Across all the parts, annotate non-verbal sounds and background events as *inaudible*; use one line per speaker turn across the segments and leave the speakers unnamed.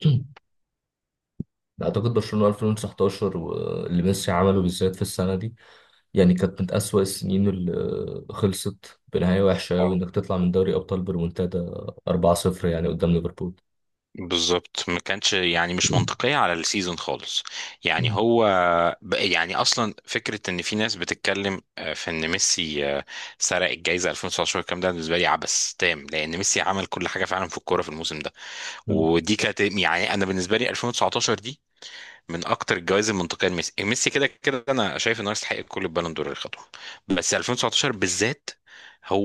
*clears throat* اعتقد برشلونه 2019، واللي ميسي عمله بالذات في السنه دي، يعني كانت من اسوأ السنين اللي خلصت بنهايه وحشه قوي، انك تطلع من دوري ابطال بريمونتادا 4-0 يعني قدام ليفربول.
بالظبط، ما كانتش يعني مش منطقية على السيزون خالص. يعني
مم.
هو أصلا فكرة إن في ناس بتتكلم في إن ميسي سرق الجايزة 2019. الكلام ده بالنسبة لي عبث تام، لأن ميسي عمل كل حاجة فعلا في الكورة في الموسم ده.
مم.
ودي كانت يعني، أنا بالنسبة لي 2019 دي من اكتر الجوائز المنطقيه لميسي. ميسي كده كده انا شايف انه يستحق كل البالون دور اللي خدهم، بس 2019 بالذات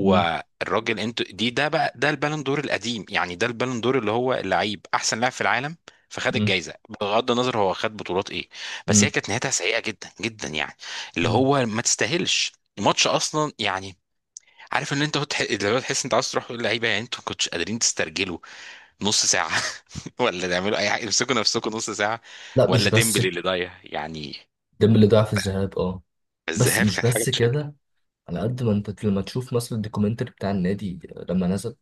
مم.
الراجل. انت دي ده البالون دور القديم، يعني ده البالون دور اللي هو اللعيب احسن لاعب في العالم، فخد
مم.
الجايزه بغض النظر هو خد بطولات ايه. بس هي
مم.
كانت نهايتها سيئه جدا جدا، يعني اللي
مم.
هو ما تستاهلش الماتش اصلا يعني. عارف ان انت اللي هو تحس انت عايز تروح تقول للعيبه، يعني انتوا ما كنتش قادرين تسترجلوا نص ساعة *laughs* ولا تعملوا أي حاجة؟ امسكوا نفسكم نص ساعة،
لا، مش
ولا
بس.
ديمبلي اللي ضايع يعني.
ديمبلي ضاع في الذهاب، اه. بس
الذهاب
مش
كانت حاجة
بس
تشكل.
كده، على قد ما انت لما تشوف مثلا الدوكيومنتري بتاع النادي لما نزل،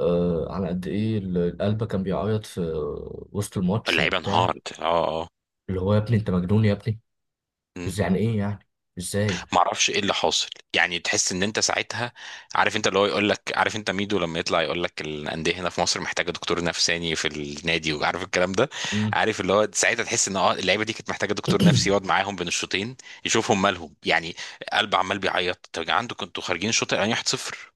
آه على قد ايه القلب كان بيعيط في وسط الماتش
اللعيبة
وبتاع.
انهارت، اه اه.
اللي هو يا ابني انت مجنون يا ابني.
مم.
بس يعني ايه؟ يعني ازاي؟
معرفش ايه اللي حاصل يعني. تحس ان انت ساعتها عارف انت، اللي هو يقول لك عارف انت ميدو لما يطلع يقول لك الانديه هنا في مصر محتاجه دكتور نفساني في النادي وعارف الكلام ده.
مم.
عارف اللي هو ساعتها تحس ان اه، اللعيبه دي كانت محتاجه دكتور
*clears throat*
نفسي يقعد معاهم بين الشوطين يشوفهم مالهم يعني. قلب عمال بيعيط. طب يا جدعان، انتوا كنتوا خارجين الشوط الاولاني 1-0.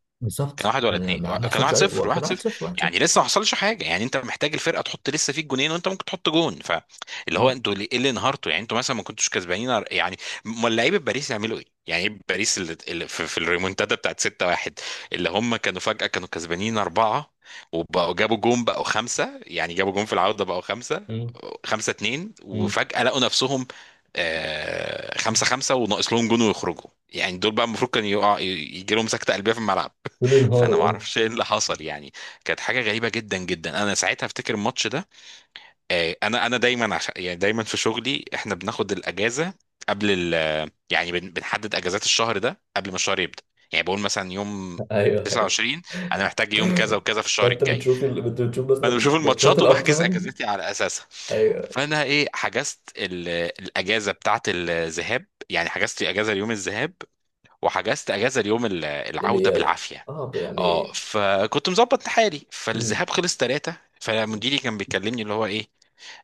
كان
بالظبط.
واحد ولا
أنا
اتنين،
ما
كان
حصلش
واحد
اي،
صفر،
هو كان
واحد
1
صفر.
0 1 0.
يعني لسه ما حصلش حاجه، يعني انت محتاج الفرقه تحط لسه فيك جونين وانت ممكن تحط جون. فاللي هو
مم.
انتوا ايه اللي انهارتوا يعني؟ انتوا مثلا ما كنتوش كسبانين يعني. امال لعيبه باريس يعملوا ايه؟ يعني ايه باريس اللي في الريمونتادا بتاعت 6-1، اللي هم كانوا فجاه كانوا كسبانين اربعه، وبقوا جابوا جون بقوا خمسه، يعني جابوا جون في العوده بقوا خمسه،
مم.
خمسه اتنين،
مم.
وفجاه لقوا نفسهم خمسة خمسة وناقص لهم جون ويخرجوا. يعني دول بقى المفروض كان يقع يجي لهم سكتة قلبية في الملعب.
دول
فانا ما
انهاروا.
اعرفش ايه اللي حصل يعني، كانت حاجه غريبه جدا جدا. انا ساعتها افتكر الماتش ده. انا دايما، عشان يعني دايما في شغلي احنا بناخد الاجازه قبل ال يعني بن- بنحدد اجازات الشهر ده قبل ما الشهر يبدا. يعني بقول مثلا يوم
اه، ايوه، ايوه.
29 انا محتاج، يوم كذا
*laughs*
وكذا في الشهر الجاي.
انت بتشوف
فانا
مثلا
بشوف
ماتشات
الماتشات وبحجز
الابطال.
اجازتي على اساسها.
ايوه.
فانا حجزت الاجازه بتاعت الذهاب، يعني حجزت اجازه ليوم الذهاب، وحجزت اجازه اليوم العوده
الاياب.
بالعافيه.
اه،
اه،
يعني.
فكنت مظبط حالي.
مم.
فالذهاب خلص ثلاثة، فمديري كان بيكلمني اللي هو ايه،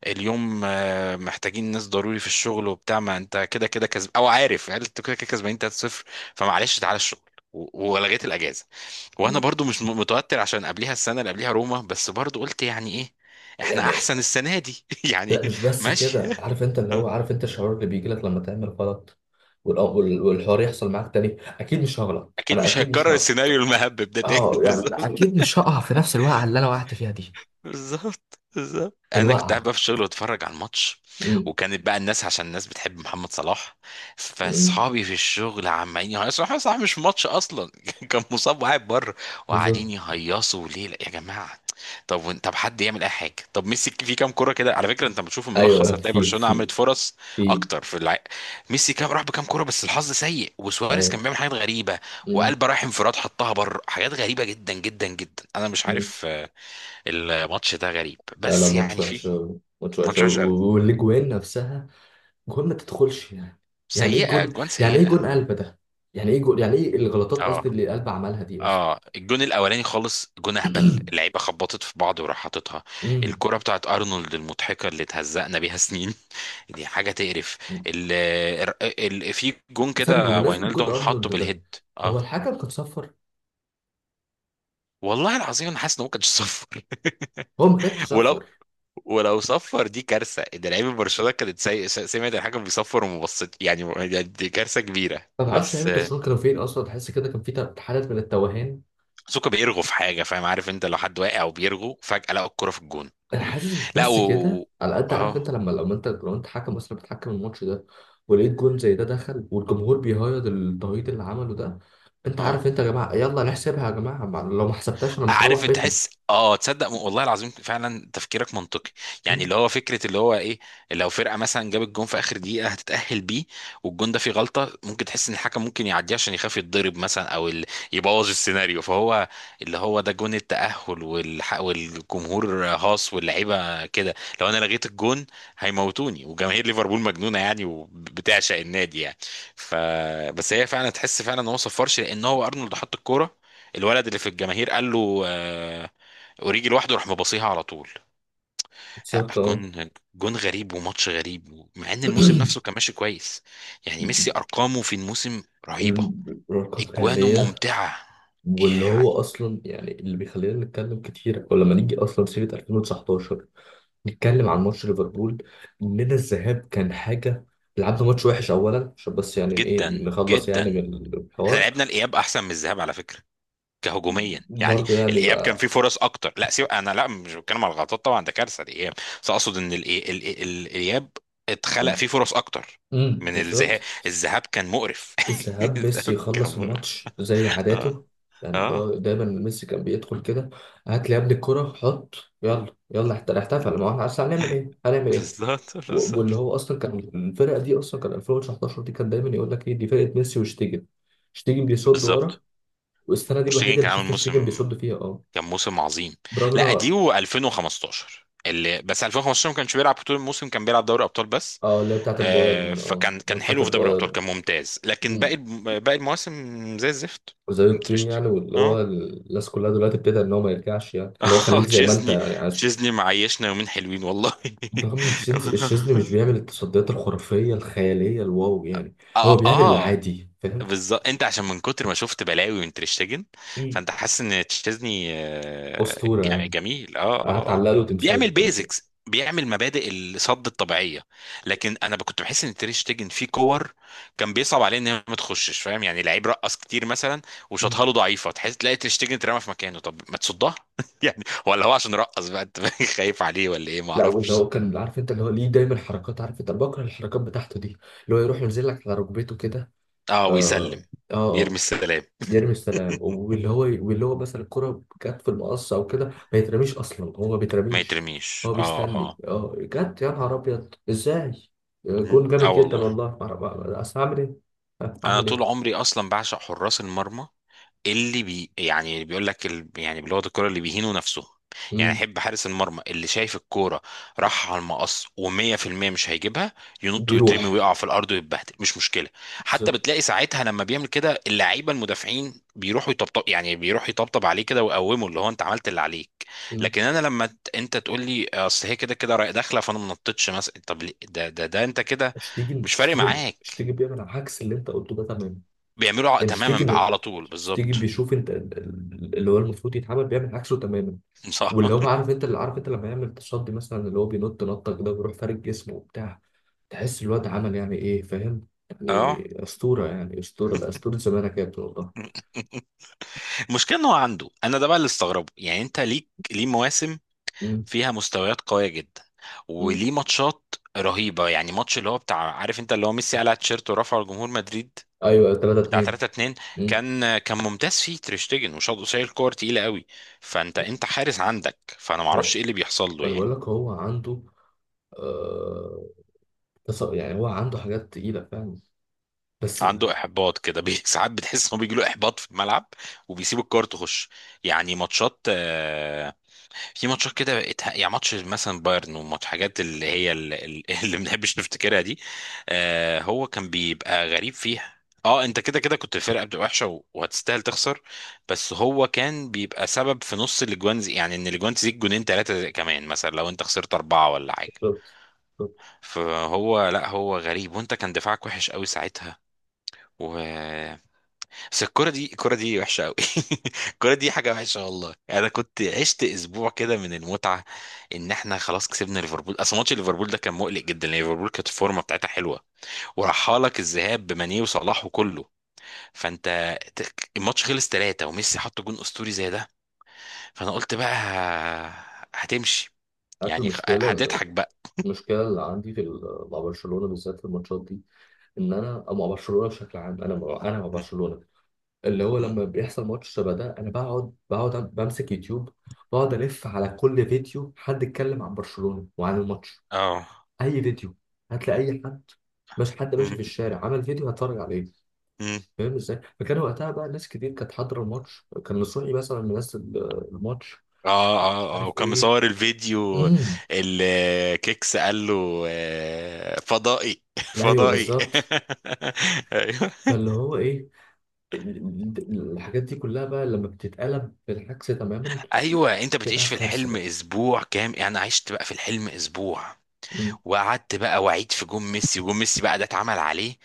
اليوم محتاجين ناس ضروري في الشغل وبتاع، ما انت كده كده كسب او، عارف يعني انت كده كده كسبانين 3-0، فمعلش تعالى الشغل. ولغيت الاجازه. وانا
مم.
برضو مش متوتر، عشان قبليها السنه اللي قبليها روما، بس برضو قلت يعني ايه احنا
يعني.
احسن السنه دي *laughs* يعني.
لا، مش بس
ماشي
كده. عارف
*laughs*
انت اللي هو عارف انت الشعور اللي بيجي لك لما تعمل غلط، والحوار يحصل معاك تاني، اكيد مش هغلط،
اكيد
انا
مش
اكيد مش
هيتكرر
هغلط.
السيناريو المهبب ده تاني
اه،
*laughs*
يعني
بالظبط
اكيد مش هقع في نفس الوقعه اللي انا وقعت فيها دي.
بالظبط بالظبط. انا كنت قاعد
الوقعة.
بقى في الشغل واتفرج على الماتش،
مم.
وكانت بقى الناس، عشان الناس بتحب محمد صلاح،
مم.
فاصحابي في الشغل عمالين يهيصوا محمد صلاح، مش في ماتش اصلا *laughs* كان مصاب وقاعد بره، وقاعدين
بالظبط.
يهيصوا ليه. لا يا جماعه، طب حد يعمل اي حاجه، طب ميسي في كام كوره كده على فكره؟ انت بتشوف الملخص
ايوه،
هتلاقي
في
برشلونه
في
عملت فرص
في
اكتر في ميسي كام راح بكام كوره؟ بس الحظ سيء، وسواريز
ايوه.
كان بيعمل حاجات غريبه،
مم.
وقلب رايح انفراد حطها بره. حاجات غريبه جدا جدا جدا، انا مش
مم.
عارف الماتش ده غريب،
لا، لا،
بس
ماتش
يعني
وحش
في
أوي. ماتش وحش
ماتش
أوي.
وحش قوي،
والاجوان نفسها. جون ما تدخلش يعني. يعني ايه
سيئه
جون؟
اجوان
يعني ايه جون
سيئه.
قلب ده؟ يعني ايه جون يعني ايه الغلطات
اه
قصدي اللي قلب عملها دي قصدي.
اه. الجون الاولاني خالص جون اهبل،
*clears throat*
اللعيبه خبطت في بعض وراح حاططها
مم.
الكره بتاعت ارنولد المضحكه اللي اتهزقنا بيها سنين *laughs* دي حاجه تقرف. ال ال في جون
ثانية،
كده
بمناسبة جون
واينالدوم حطه
ارنولد ده،
بالهيد. اه
هو الحكم كان صفر؟
والله العظيم، انا حاسس ان هو كان صفر *laughs*
هو ما كانش
ولو
صفر.
ولو صفر دي كارثه، ده لعيبه برشلونه كانت سمعت الحاجه بيصفر وما بصت، يعني دي كارثه كبيره.
ما تعرفش لعيبة
بس
برشلونة كانوا فين اصلا، تحس كده كان في حالة من التوهان.
سوكا بيرغو في حاجه فاهم؟ عارف انت، لو حد واقع وبيرغو فجاه لقى الكره في الجون.
انا حاسس مش
لا
بس كده، على قد عارف
اه
انت، لما انت لو انت حكم مثلا بتحكم الماتش ده، ولقيت جون زي ده دخل والجمهور بيهيض التهيط اللي عمله ده، انت
اه.
عارف انت، يا جماعه يلا نحسبها، يا جماعه لو ما حسبتهاش انا مش هروح
عارف انت
بيتنا.
تحس، اه، تصدق والله العظيم فعلا تفكيرك منطقي، يعني اللي هو فكره اللي هو ايه، لو فرقه مثلا جابت جون في اخر دقيقه هتتاهل بيه، والجون ده فيه غلطه، ممكن تحس ان الحكم ممكن يعديه عشان يخاف يتضرب مثلا، او يبوظ السيناريو، فهو اللي هو ده جون التاهل والجمهور هاص واللعيبه كده، لو انا لغيت الجون هيموتوني، وجماهير ليفربول مجنونه يعني وبتعشق النادي يعني. ف بس هي فعلا تحس فعلا ان هو صفرش، لان هو ارنولد حط الكوره، الولد اللي في الجماهير قال له، اوريجي لوحده راح مباصيها على طول. لا
بالظبط، اه.
جون، جون غريب وماتش غريب، مع ان الموسم نفسه
*clears throat*
كان ماشي كويس، يعني ميسي ارقامه في الموسم رهيبه،
الأرقام
اجوانه
خيالية.
ممتعه
واللي هو
يعني
أصلا يعني اللي بيخلينا نتكلم كتير، ولما نيجي أصلا سيرة 2019 نتكلم عن ماتش ليفربول، اننا الذهاب كان حاجه. لعبنا ماتش وحش اولا، عشان بس يعني ايه
جدا
نخلص يعني
جدا.
من
احنا
الحوار.
لعبنا الاياب احسن من الذهاب على فكره، كهجوميا يعني.
برضه يعني
الاياب كان فيه
بقى.
فرص اكتر، لا سيب انا، لا مش بتكلم على الغلطات، طبعا ده كارثه الاياب، بس اقصد ان الاياب اتخلق فيه فرص اكتر من الذهاب.
بالظبط.
الذهاب كان مقرف *laughs*
الذهاب ميسي
الذهاب كان
يخلص
مقرف.
الماتش زي
اه
عاداته. يعني هو
اه.
دايما، ميسي كان بيدخل كده، هات لي يا ابني الكرة حط. يلا يلا احتفل، ما هو احنا أصل هنعمل ايه هنعمل ايه.
بالظبط
واللي
بالظبط
هو اصلا كان الفرقه دي اصلا، كان 2019 دي كان دايما يقول لك ايه، دي فرقه ميسي وشتيجن. شتيجن بيصد ورا.
بالظبط.
والسنه دي الوحيده
مشتاقين،
اللي
كان عامل
شفت شريجن
موسم،
بيصد فيها، اه.
كان موسم عظيم.
برغم ان
لا
هو
دي و2015، اللي بس 2015 ما كانش بيلعب طول الموسم، كان بيلعب دوري ابطال بس.
اه اللي هي بتاعت البايرن،
فكان
ماتشات
حلو في دوري الابطال،
البايرن.
كان ممتاز، لكن
مم.
باقي المواسم زي الزفت.
زي الطين يعني،
تريشتجن
واللي هو
اه
الناس كلها دلوقتي ابتدى ان هو ما يرجعش، يعني اللي هو
*laughs* اه
خليك زي ما انت
تشيزني،
يعني عايز.
تشيزني معيشنا يومين حلوين والله
برغم ان
*laughs*
الشيزني مش بيعمل التصديات الخرافيه الخياليه الواو يعني، هو
اه
بيعمل
اه،
العادي فاهم.
بالظبط. انت عشان من كتر ما شفت بلاوي من تريشتجن،
مم.
فانت حاسس ان تشيزني
اسطوره يعني.
جميل. اه اه اه.
هتعلق له
بيعمل
تمثال كمان شوية.
بيزكس، بيعمل مبادئ الصد الطبيعيه. لكن انا كنت بحس ان تريشتجن فيه كور كان بيصعب عليه ان هي ما تخشش، فاهم يعني؟ لعيب رقص كتير مثلا،
مم.
وشاطها له ضعيفه، تحس تلاقي تريشتجن اترمى في مكانه، طب ما تصدها *laughs* يعني. ولا هو عشان رقص بقى انت *laughs* خايف عليه، ولا ايه؟ ما
لا، واللي
اعرفش.
هو كان عارف انت، اللي هو ليه دايما حركات، عارف انت أنا بكره الحركات بتاعته دي، اللي هو يروح ينزل لك على ركبته كده.
اه
اه.
ويسلم، يرمي
اه.
السلام
يرمي السلام،
*laughs*
واللي هو مثلا الكرة جت في المقص او كده، ما يترميش اصلا هو ما
ما
بيترميش.
يترميش،
هو
اه
بيستني،
اه.
اه جت، يا نهار ابيض ازاي. آه،
مم.
جون
اه
جامد جدا
والله،
والله، ما أعرف- ما- اصل هعمل ايه. ها،
انا
هعمل
طول
ايه.
عمري اصلا بعشق حراس المرمى، اللي بي يعني بيقول لك ال... يعني بلغه الكوره اللي بيهينوا نفسهم. يعني
مم.
احب حارس المرمى اللي شايف الكوره راح على المقص و100% مش هيجيبها، ينط ويترمي
بيروح.
ويقع في الارض ويتبهدل مش مشكله. حتى
بالظبط.
بتلاقي ساعتها لما بيعمل كده، اللعيبه المدافعين بيروحوا يطبطب، يعني بيروح يطبطب عليه كده ويقومه، اللي هو انت عملت اللي عليك.
مم.
لكن انا لما انت تقول لي اصل هي كده كده رايح داخله، فانا ما نطيتش مثلا، طب ليه؟ ده انت كده
شتيجن
مش فارق
شتيجن
معاك.
شتيجن بيعمل عكس اللي انت قلته ده تماما.
بيعملوا
يعني
تماما بقى،
شتيجن
على طول
شتيجن
بالظبط
بيشوف انت اللي هو المفروض يتعمل بيعمل عكسه تماما.
*laughs* صح.
واللي هو عارف انت اللي عارف انت لما يعمل تصدي مثلا، اللي هو بينط نطه كده ويروح فارد جسمه وبتاع، تحس الواد عمل يعني ايه فاهم
اه.
يعني. اسطوره يعني، اسطوره ده، اسطوره زمانك كانت والله.
المشكله ان هو عنده، انا ده بقى اللي استغربه، يعني انت ليك ليه مواسم
مم.
فيها مستويات قويه جدا،
مم.
وليه ماتشات رهيبه. يعني ماتش اللي هو بتاع، عارف انت اللي هو ميسي قلع التيشيرت ورفعه لجمهور مدريد،
ايوه، 3
بتاع
2.
3-2،
مم.
كان ممتاز فيه تريشتجن، وشاط قصير كور تقيله قوي، فانت حارس عندك، فانا ما
اهو.
اعرفش ايه اللي بيحصل له
فانا
يعني.
بقول لك هو عنده، آه... يعني هو عنده حاجات تقيله فاهم. بس،
عنده احباط كده *laughs* ساعات بتحس انه بيجي له احباط في الملعب وبيسيب الكوره تخش. يعني ماتشات في ماتشات كده يعني ماتش مثلا بايرن، وماتش حاجات اللي هي *laughs* اللي ما بنحبش نفتكرها دي. هو كان بيبقى غريب فيها، اه. انت كده كده كنت الفرقه بتبقى وحشه وهتستاهل تخسر، بس هو كان بيبقى سبب في نص الاجوان زي، يعني ان الاجوان تزيد جونين ثلاثه كمان مثلا لو انت خسرت اربعه ولا حاجه.
بالظبط. بالظبط.
فهو لا، هو غريب، وانت كان دفاعك وحش قوي ساعتها. و بس الكرة دي الكرة دي وحشة قوي *laughs* الكرة دي حاجة وحشة والله يعني. انا كنت عشت اسبوع كده من المتعة ان احنا خلاص كسبنا ليفربول، اصل ماتش ليفربول ده كان مقلق جدا، لان ليفربول كانت الفورمة بتاعتها حلوة، وراحها لك الذهاب بماني وصلاح وكله، فانت الماتش خلص ثلاثة وميسي حط جون اسطوري زي ده، فانا قلت بقى هتمشي،
عارف
يعني
المشكله؟
هتضحك بقى.
المشكله اللي عندي في مع برشلونه بالذات في الماتشات دي، ان انا، أو مع برشلونه بشكل عام، انا انا مع
م-
برشلونه. اللي هو
م-
لما بيحصل ماتش شبه ده، انا بقعد بمسك يوتيوب، بقعد الف على كل فيديو حد اتكلم عن برشلونة وعن الماتش.
اه.
اي فيديو، هتلاقي اي حد، مش حد ماشي في
م-
الشارع عمل فيديو هتفرج عليه.
م.
فاهم ازاي؟ فكان وقتها بقى ناس كتير كانت حاضره الماتش، كان نصوحي مثلا منزل الماتش،
اه
مش
اه اه.
عارف
وكان
ايه.
مصور الفيديو
امم
الكيكس قال له فضائي *laughs*
ايوه،
فضائي
بالظبط.
*laughs* ايوه
فاللي هو ايه، الحاجات دي كلها بقى لما بتتقلب بالعكس تماما،
ايوه. انت بتعيش
تبقى
في
كارثه
الحلم
بقى.
اسبوع كام يعني، انا عشت بقى في الحلم اسبوع، وقعدت بقى واعيد في جون ميسي، وجون ميسي بقى ده اتعمل عليه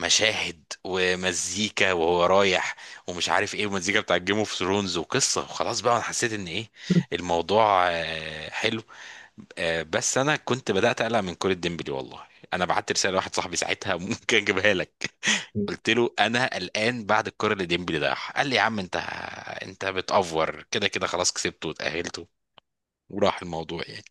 مشاهد ومزيكا وهو رايح، ومش عارف ايه، ومزيكا بتاع جيم اوف ثرونز وقصه، وخلاص بقى انا حسيت ان ايه، الموضوع حلو. بس انا كنت بدات اقلق من كرة ديمبلي والله. انا بعت رساله لواحد صاحبي ساعتها *laughs* ممكن اجيبها لك.
مم.
قلت له انا قلقان بعد الكرة اللي ديمبلي ضيعها، قال لي يا عم انت بتأفور كده كده خلاص كسبته وتأهلته، وراح الموضوع يعني.